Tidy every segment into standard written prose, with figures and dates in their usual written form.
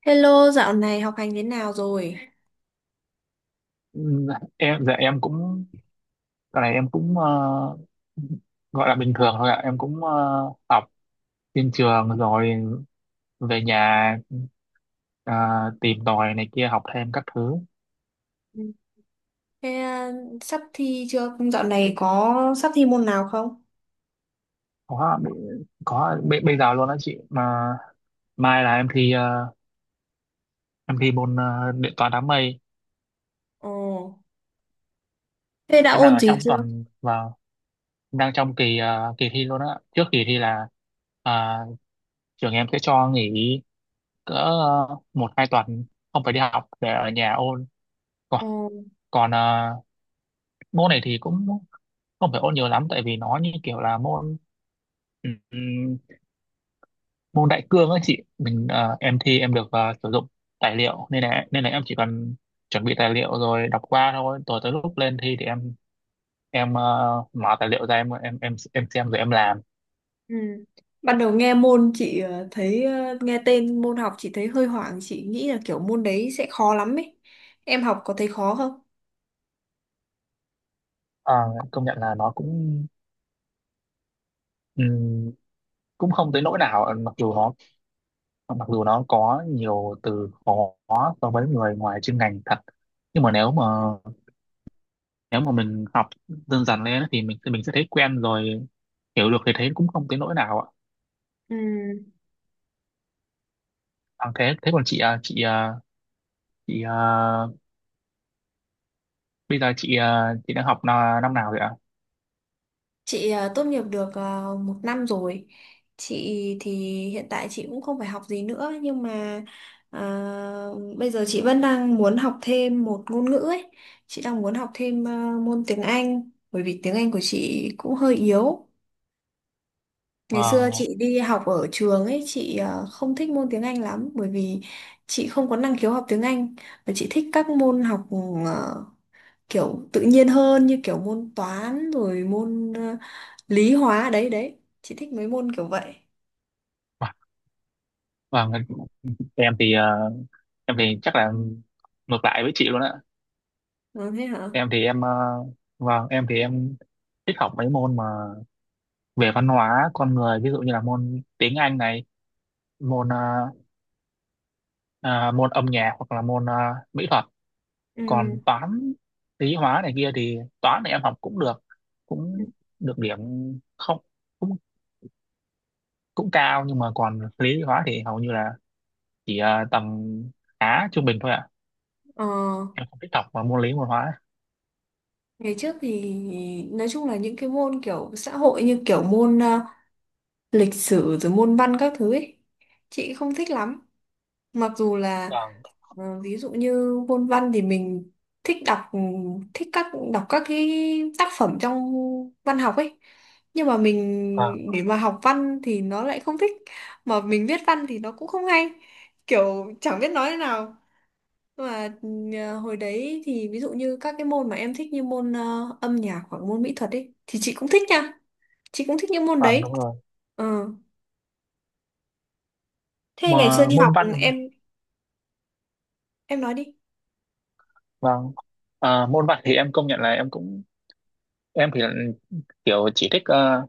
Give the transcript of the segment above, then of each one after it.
Hello, dạo này học hành thế nào rồi? Ừm, em dạ em cũng cái này em cũng gọi là bình thường thôi ạ. Em cũng học trên trường rồi về nhà, ờ, tìm tòi này kia học thêm các thứ. Ừ. Thế à, sắp thi chưa? Dạo này có sắp thi môn nào không? Có, bây giờ luôn đó chị, mà mai là em thi, môn điện toán đám mây. Ồ, thế đã Em đang ôn ở gì trong chưa? tuần và đang trong kỳ thi luôn á. Trước kỳ thi là ờ, trường em sẽ cho nghỉ cỡ một hai tuần, không phải đi học để ở nhà ôn. Ồ, còn à, môn này thì cũng không phải ôn nhiều lắm, tại vì nó như kiểu là môn ừm, môn đại cương ấy chị. Em thi em được sử dụng tài liệu, nên là em chỉ cần chuẩn bị tài liệu rồi đọc qua thôi. Rồi tới lúc lên thi thì em mở tài liệu ra, em xem rồi em làm. ừ. Ban đầu nghe môn chị thấy nghe tên môn học chị thấy hơi hoảng, chị nghĩ là kiểu môn đấy sẽ khó lắm ấy. Em học có thấy khó không? Ờ, công nhận là nó cũng ừm, cũng không tới nỗi nào, mặc dù nó có nhiều từ khó so với người ngoài chuyên ngành thật, nhưng mà nếu mà mình học dần dần lên thì mình sẽ thấy quen rồi, hiểu được thì thấy cũng không tới nỗi nào ạ. Ừ. Thế thế còn chị à, bây giờ chị đang học năm nào vậy ạ? Chị tốt nghiệp được một năm rồi. Chị thì hiện tại chị cũng không phải học gì nữa nhưng mà à, bây giờ chị vẫn đang muốn học thêm một ngôn ngữ ấy. Chị đang muốn học thêm môn tiếng Anh bởi vì tiếng Anh của chị cũng hơi yếu. Ngày xưa Vâng, chị đi học ở trường ấy chị không thích môn tiếng Anh lắm bởi vì chị không có năng khiếu học tiếng Anh và chị thích các môn học à, kiểu tự nhiên hơn như kiểu môn toán rồi môn lý hóa đấy đấy chị thích mấy môn kiểu vậy. vâng. em thì à, em thì chắc là ngược lại với chị luôn ạ. Ờ, thế hả. em thì em à, vâng, em thì em thích học mấy môn mà về văn hóa con người, ví dụ như là môn tiếng Anh này, môn à, môn âm nhạc, hoặc là mỹ thuật. Ừ. Còn toán lý hóa này kia thì toán này em học cũng được, Ừ. cũng được điểm, không, cũng cũng cao. Nhưng mà còn lý hóa thì hầu như là chỉ tầm khá trung bình thôi ạ. ờ, Em không thích học mà môn lý môn hóa. Ngày trước thì nói chung là những cái môn kiểu xã hội như kiểu môn lịch sử rồi môn văn các thứ ấy chị không thích lắm, mặc dù là Vâng. Ví dụ như môn văn thì mình thích đọc, thích đọc các cái tác phẩm trong văn học ấy, nhưng mà Vâng, mình để mà học văn thì nó lại không thích, mà mình viết văn thì nó cũng không hay, kiểu chẳng biết nói thế nào. Và hồi đấy thì ví dụ như các cái môn mà em thích như môn âm nhạc hoặc môn mỹ thuật ấy thì chị cũng thích nha. Chị cũng thích những môn vâng, đấy. đúng rồi, Ờ. Thế ngày xưa mà đi môn học văn... em em nói đi. Vâng. Môn văn thì em công nhận là em cũng, em thì là kiểu chỉ thích,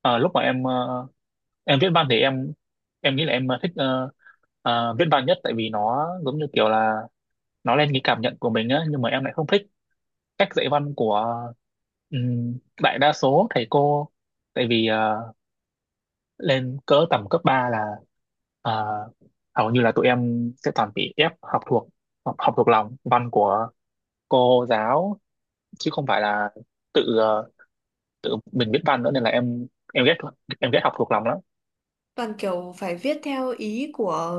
ờ, lúc mà em em viết văn thì em nghĩ là em thích, viết văn nhất, tại vì nó giống như kiểu là nó lên cái cảm nhận của mình á. Nhưng mà em lại không thích cách dạy văn của đại đa số thầy cô, tại vì lên cỡ tầm cấp 3 là ờ, hầu như là tụi em sẽ toàn bị ép học thuộc, học thuộc lòng văn của cô giáo, chứ không phải là tự tự mình biết văn nữa. Nên là em ghét, em ghét học thuộc lòng lắm. Toàn kiểu phải viết theo ý của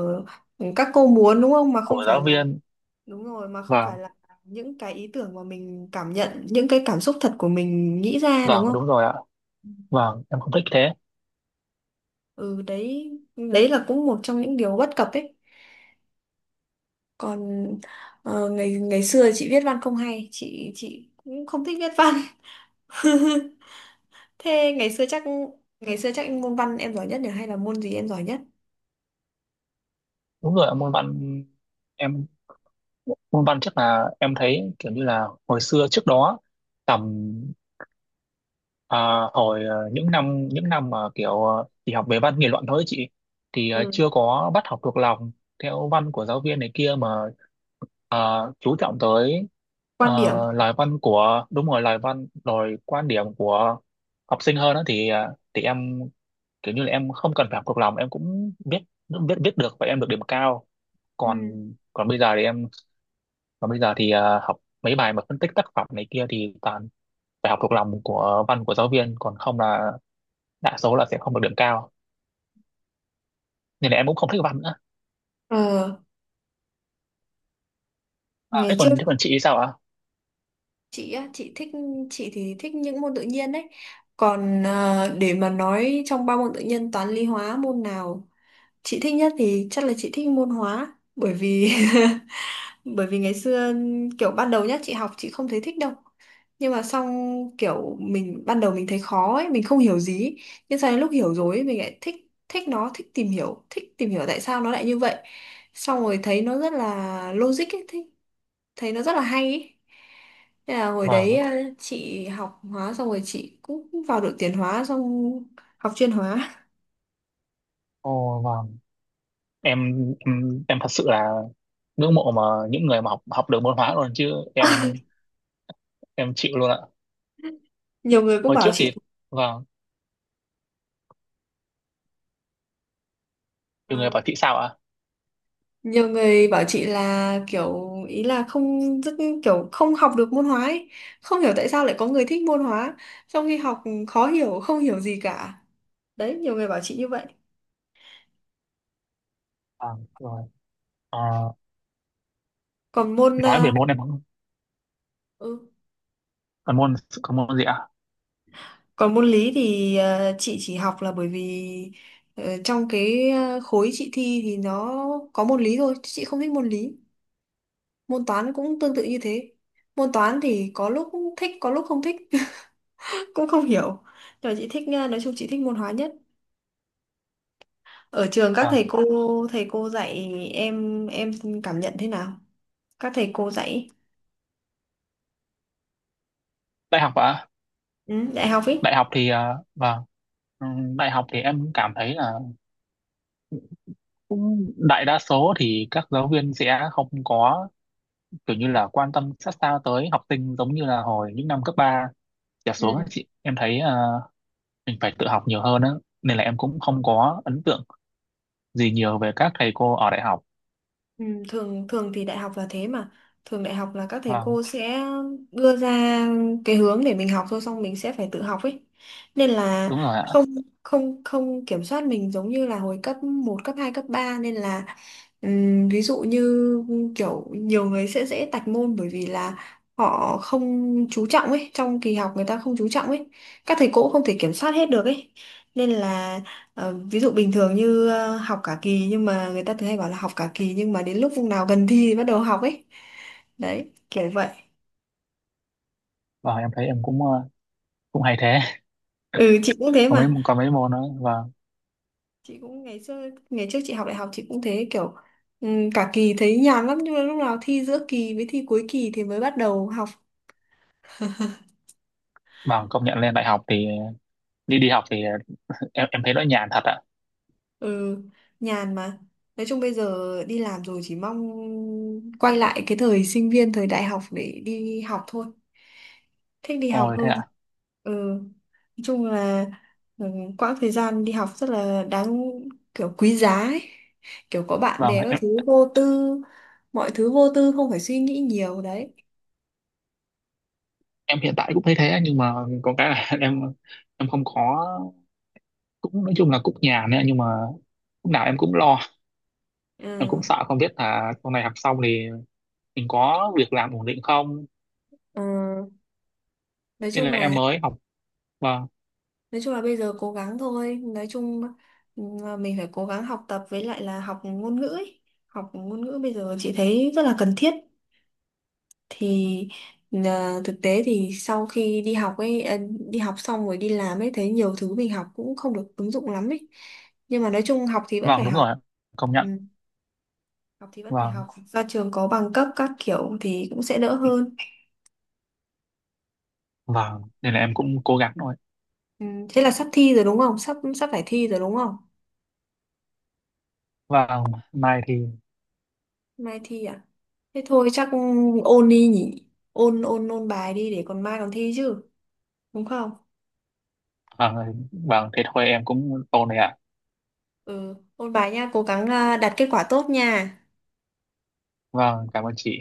các cô muốn đúng không? Mà không Của phải giáo là viên. đúng rồi, mà không phải Vâng. là những cái ý tưởng mà mình cảm nhận, những cái cảm xúc thật của mình nghĩ ra đúng Vâng, không? đúng rồi ạ. Vâng, em không thích thế. Ừ đấy, đấy là cũng một trong những điều bất cập ấy. Còn ờ, ngày ngày xưa chị viết văn không hay, chị cũng không thích viết văn thế ngày xưa chắc môn văn em giỏi nhất nhỉ, hay là môn gì em giỏi nhất? Đúng rồi ạ, môn văn. Em... môn văn chắc là em thấy kiểu như là hồi xưa trước đó tầm, à, những năm, mà kiểu chỉ học về văn nghị luận thôi ấy chị. Ừ. Chưa có bắt học thuộc lòng theo văn của giáo viên này kia, mà à, chú trọng tới à, Quan điểm. lời văn của... đúng rồi, lời văn rồi quan điểm của học sinh hơn đó. Thì em kiểu như là em không cần phải học thuộc lòng em cũng biết, biết được, và em được điểm cao. Còn Ừ. còn bây giờ thì em còn bây giờ thì học mấy bài mà phân tích tác phẩm này kia thì toàn phải học thuộc lòng của văn của giáo viên, còn không là đa số là sẽ không được điểm cao. Nên là em cũng không thích văn nữa. Ờ, À, ngày trước thế còn chị thì sao ạ? chị á, chị thích, chị thì thích những môn tự nhiên đấy. Còn để mà nói trong ba môn tự nhiên toán lý hóa, môn nào chị thích nhất thì chắc là chị thích môn hóa, bởi vì bởi vì ngày xưa kiểu ban đầu nhá chị học chị không thấy thích đâu, nhưng mà xong kiểu mình ban đầu mình thấy khó ấy, mình không hiểu gì ấy. Nhưng sau đến lúc hiểu rồi ấy, mình lại thích, thích nó, thích tìm hiểu, thích tìm hiểu tại sao nó lại như vậy, xong rồi thấy nó rất là logic ấy, thấy, thấy nó rất là hay ấy. Thế là hồi đấy Vâng, chị học hóa xong rồi chị cũng vào đội tuyển hóa, xong học chuyên hóa. ồ vâng. Em em thật sự là ngưỡng mộ mà những người mà học học được môn hóa luôn, chứ em chịu luôn ạ. Nhiều người cũng Hồi bảo trước thì... chị vâng, "Ờ, nhiều người bảo chị sao ạ? nhiều người bảo chị là kiểu ý là không rất kiểu không học được môn hóa ấy. Không hiểu tại sao lại có người thích môn hóa trong khi học khó hiểu không hiểu gì cả, đấy nhiều người bảo chị như vậy. Vâng, rồi. Ờ, Còn môn nói về môn em không... ừ, còn môn còn môn gì ạ? còn môn lý thì chị chỉ học là bởi vì trong cái khối chị thi thì nó có môn lý thôi, chứ chị không thích môn lý. Môn toán cũng tương tự như thế, môn toán thì có lúc thích có lúc không thích cũng không hiểu, nhưng mà chị thích nói chung chị thích môn hóa nhất. Ở trường các Vâng, thầy cô, thầy cô dạy, em cảm nhận thế nào? Các thầy cô dạy đại học ạ. ừ, dạy học ý. Đại học thì ờ, vâng, ừ, đại học thì em cảm thấy là đại đa số thì các giáo viên sẽ không có kiểu như là quan tâm sát sao tới học sinh, giống như là hồi những năm cấp 3 trở Ừ. xuống ấy chị. Em thấy mình phải tự học nhiều hơn á, nên là em cũng không có ấn tượng gì nhiều về các thầy cô ở đại học. Ừ, thường thường thì đại học là thế mà, thường đại học là các thầy Vâng, cô sẽ đưa ra cái hướng để mình học thôi, xong mình sẽ phải tự học ấy, nên là đúng rồi ạ. không không không kiểm soát mình giống như là hồi cấp một cấp 2 cấp ba, nên là ví dụ như kiểu nhiều người sẽ dễ tạch môn bởi vì là họ không chú trọng ấy, trong kỳ học người ta không chú trọng ấy, các thầy cô cũng không thể kiểm soát hết được ấy, nên là Ờ, ví dụ bình thường như học cả kỳ, nhưng mà người ta thường hay bảo là học cả kỳ nhưng mà đến lúc vùng nào gần thi thì bắt đầu học ấy. Đấy, kiểu vậy. Vâng, em thấy em cũng cũng hay thế. Ừ, chị cũng thế mà. có mấy môn nữa. Vâng. Chị cũng ngày xưa ngày trước chị học đại học chị cũng thế, kiểu cả kỳ thấy nhàn lắm nhưng mà lúc nào thi giữa kỳ với thi cuối kỳ thì mới bắt đầu học. Vâng, công nhận lên đại học thì đi đi học thì em thấy nó nhàn thật ạ. Ừ, nhàn mà. Nói chung bây giờ đi làm rồi chỉ mong quay lại cái thời sinh viên, thời đại học để đi học thôi. Thích đi học Ôi thế hơn. ạ. Ừ. Nói chung là ừ, quãng thời gian đi học rất là đáng, kiểu quý giá ấy. Kiểu có bạn Vâng, bè các thứ vô tư, mọi thứ vô tư không phải suy nghĩ nhiều đấy. em hiện tại cũng thấy thế, nhưng mà có cái là em không có, cũng nói chung là cũng nhà nữa. Nhưng mà lúc nào em cũng lo, em cũng Ừ, sợ không biết là sau này học xong thì mình có việc làm ổn định không. ừ. Nói Nên chung là em là mới học. Vâng. nói chung là bây giờ cố gắng thôi. Nói chung ừ, mình phải cố gắng học tập với lại là học ngôn ngữ ấy. Học ngôn ngữ bây giờ chị thấy rất là cần thiết. Thì thực tế thì sau khi đi học ấy đi học xong rồi đi làm ấy thấy nhiều thứ mình học cũng không được ứng dụng lắm ấy, nhưng mà nói chung học thì vẫn phải Vâng, đúng học. rồi ạ. Công Ừ, nhận. học thì vẫn phải học, Vâng, ra trường có bằng cấp các kiểu thì cũng sẽ đỡ hơn. vâng, nên là em cũng cố gắng thôi. Ừ, thế là sắp thi rồi đúng không, sắp sắp phải thi rồi đúng không? Vâng, mai thì... Mai thi à? Thế thôi chắc ôn đi nhỉ, ôn ôn ôn bài đi để còn mai còn thi chứ, đúng không? Vâng. Vâng, thế thôi em cũng ổn rồi ạ. Ừ, ôn bài nha, cố gắng đạt kết quả tốt nha. Vâng, cảm ơn chị.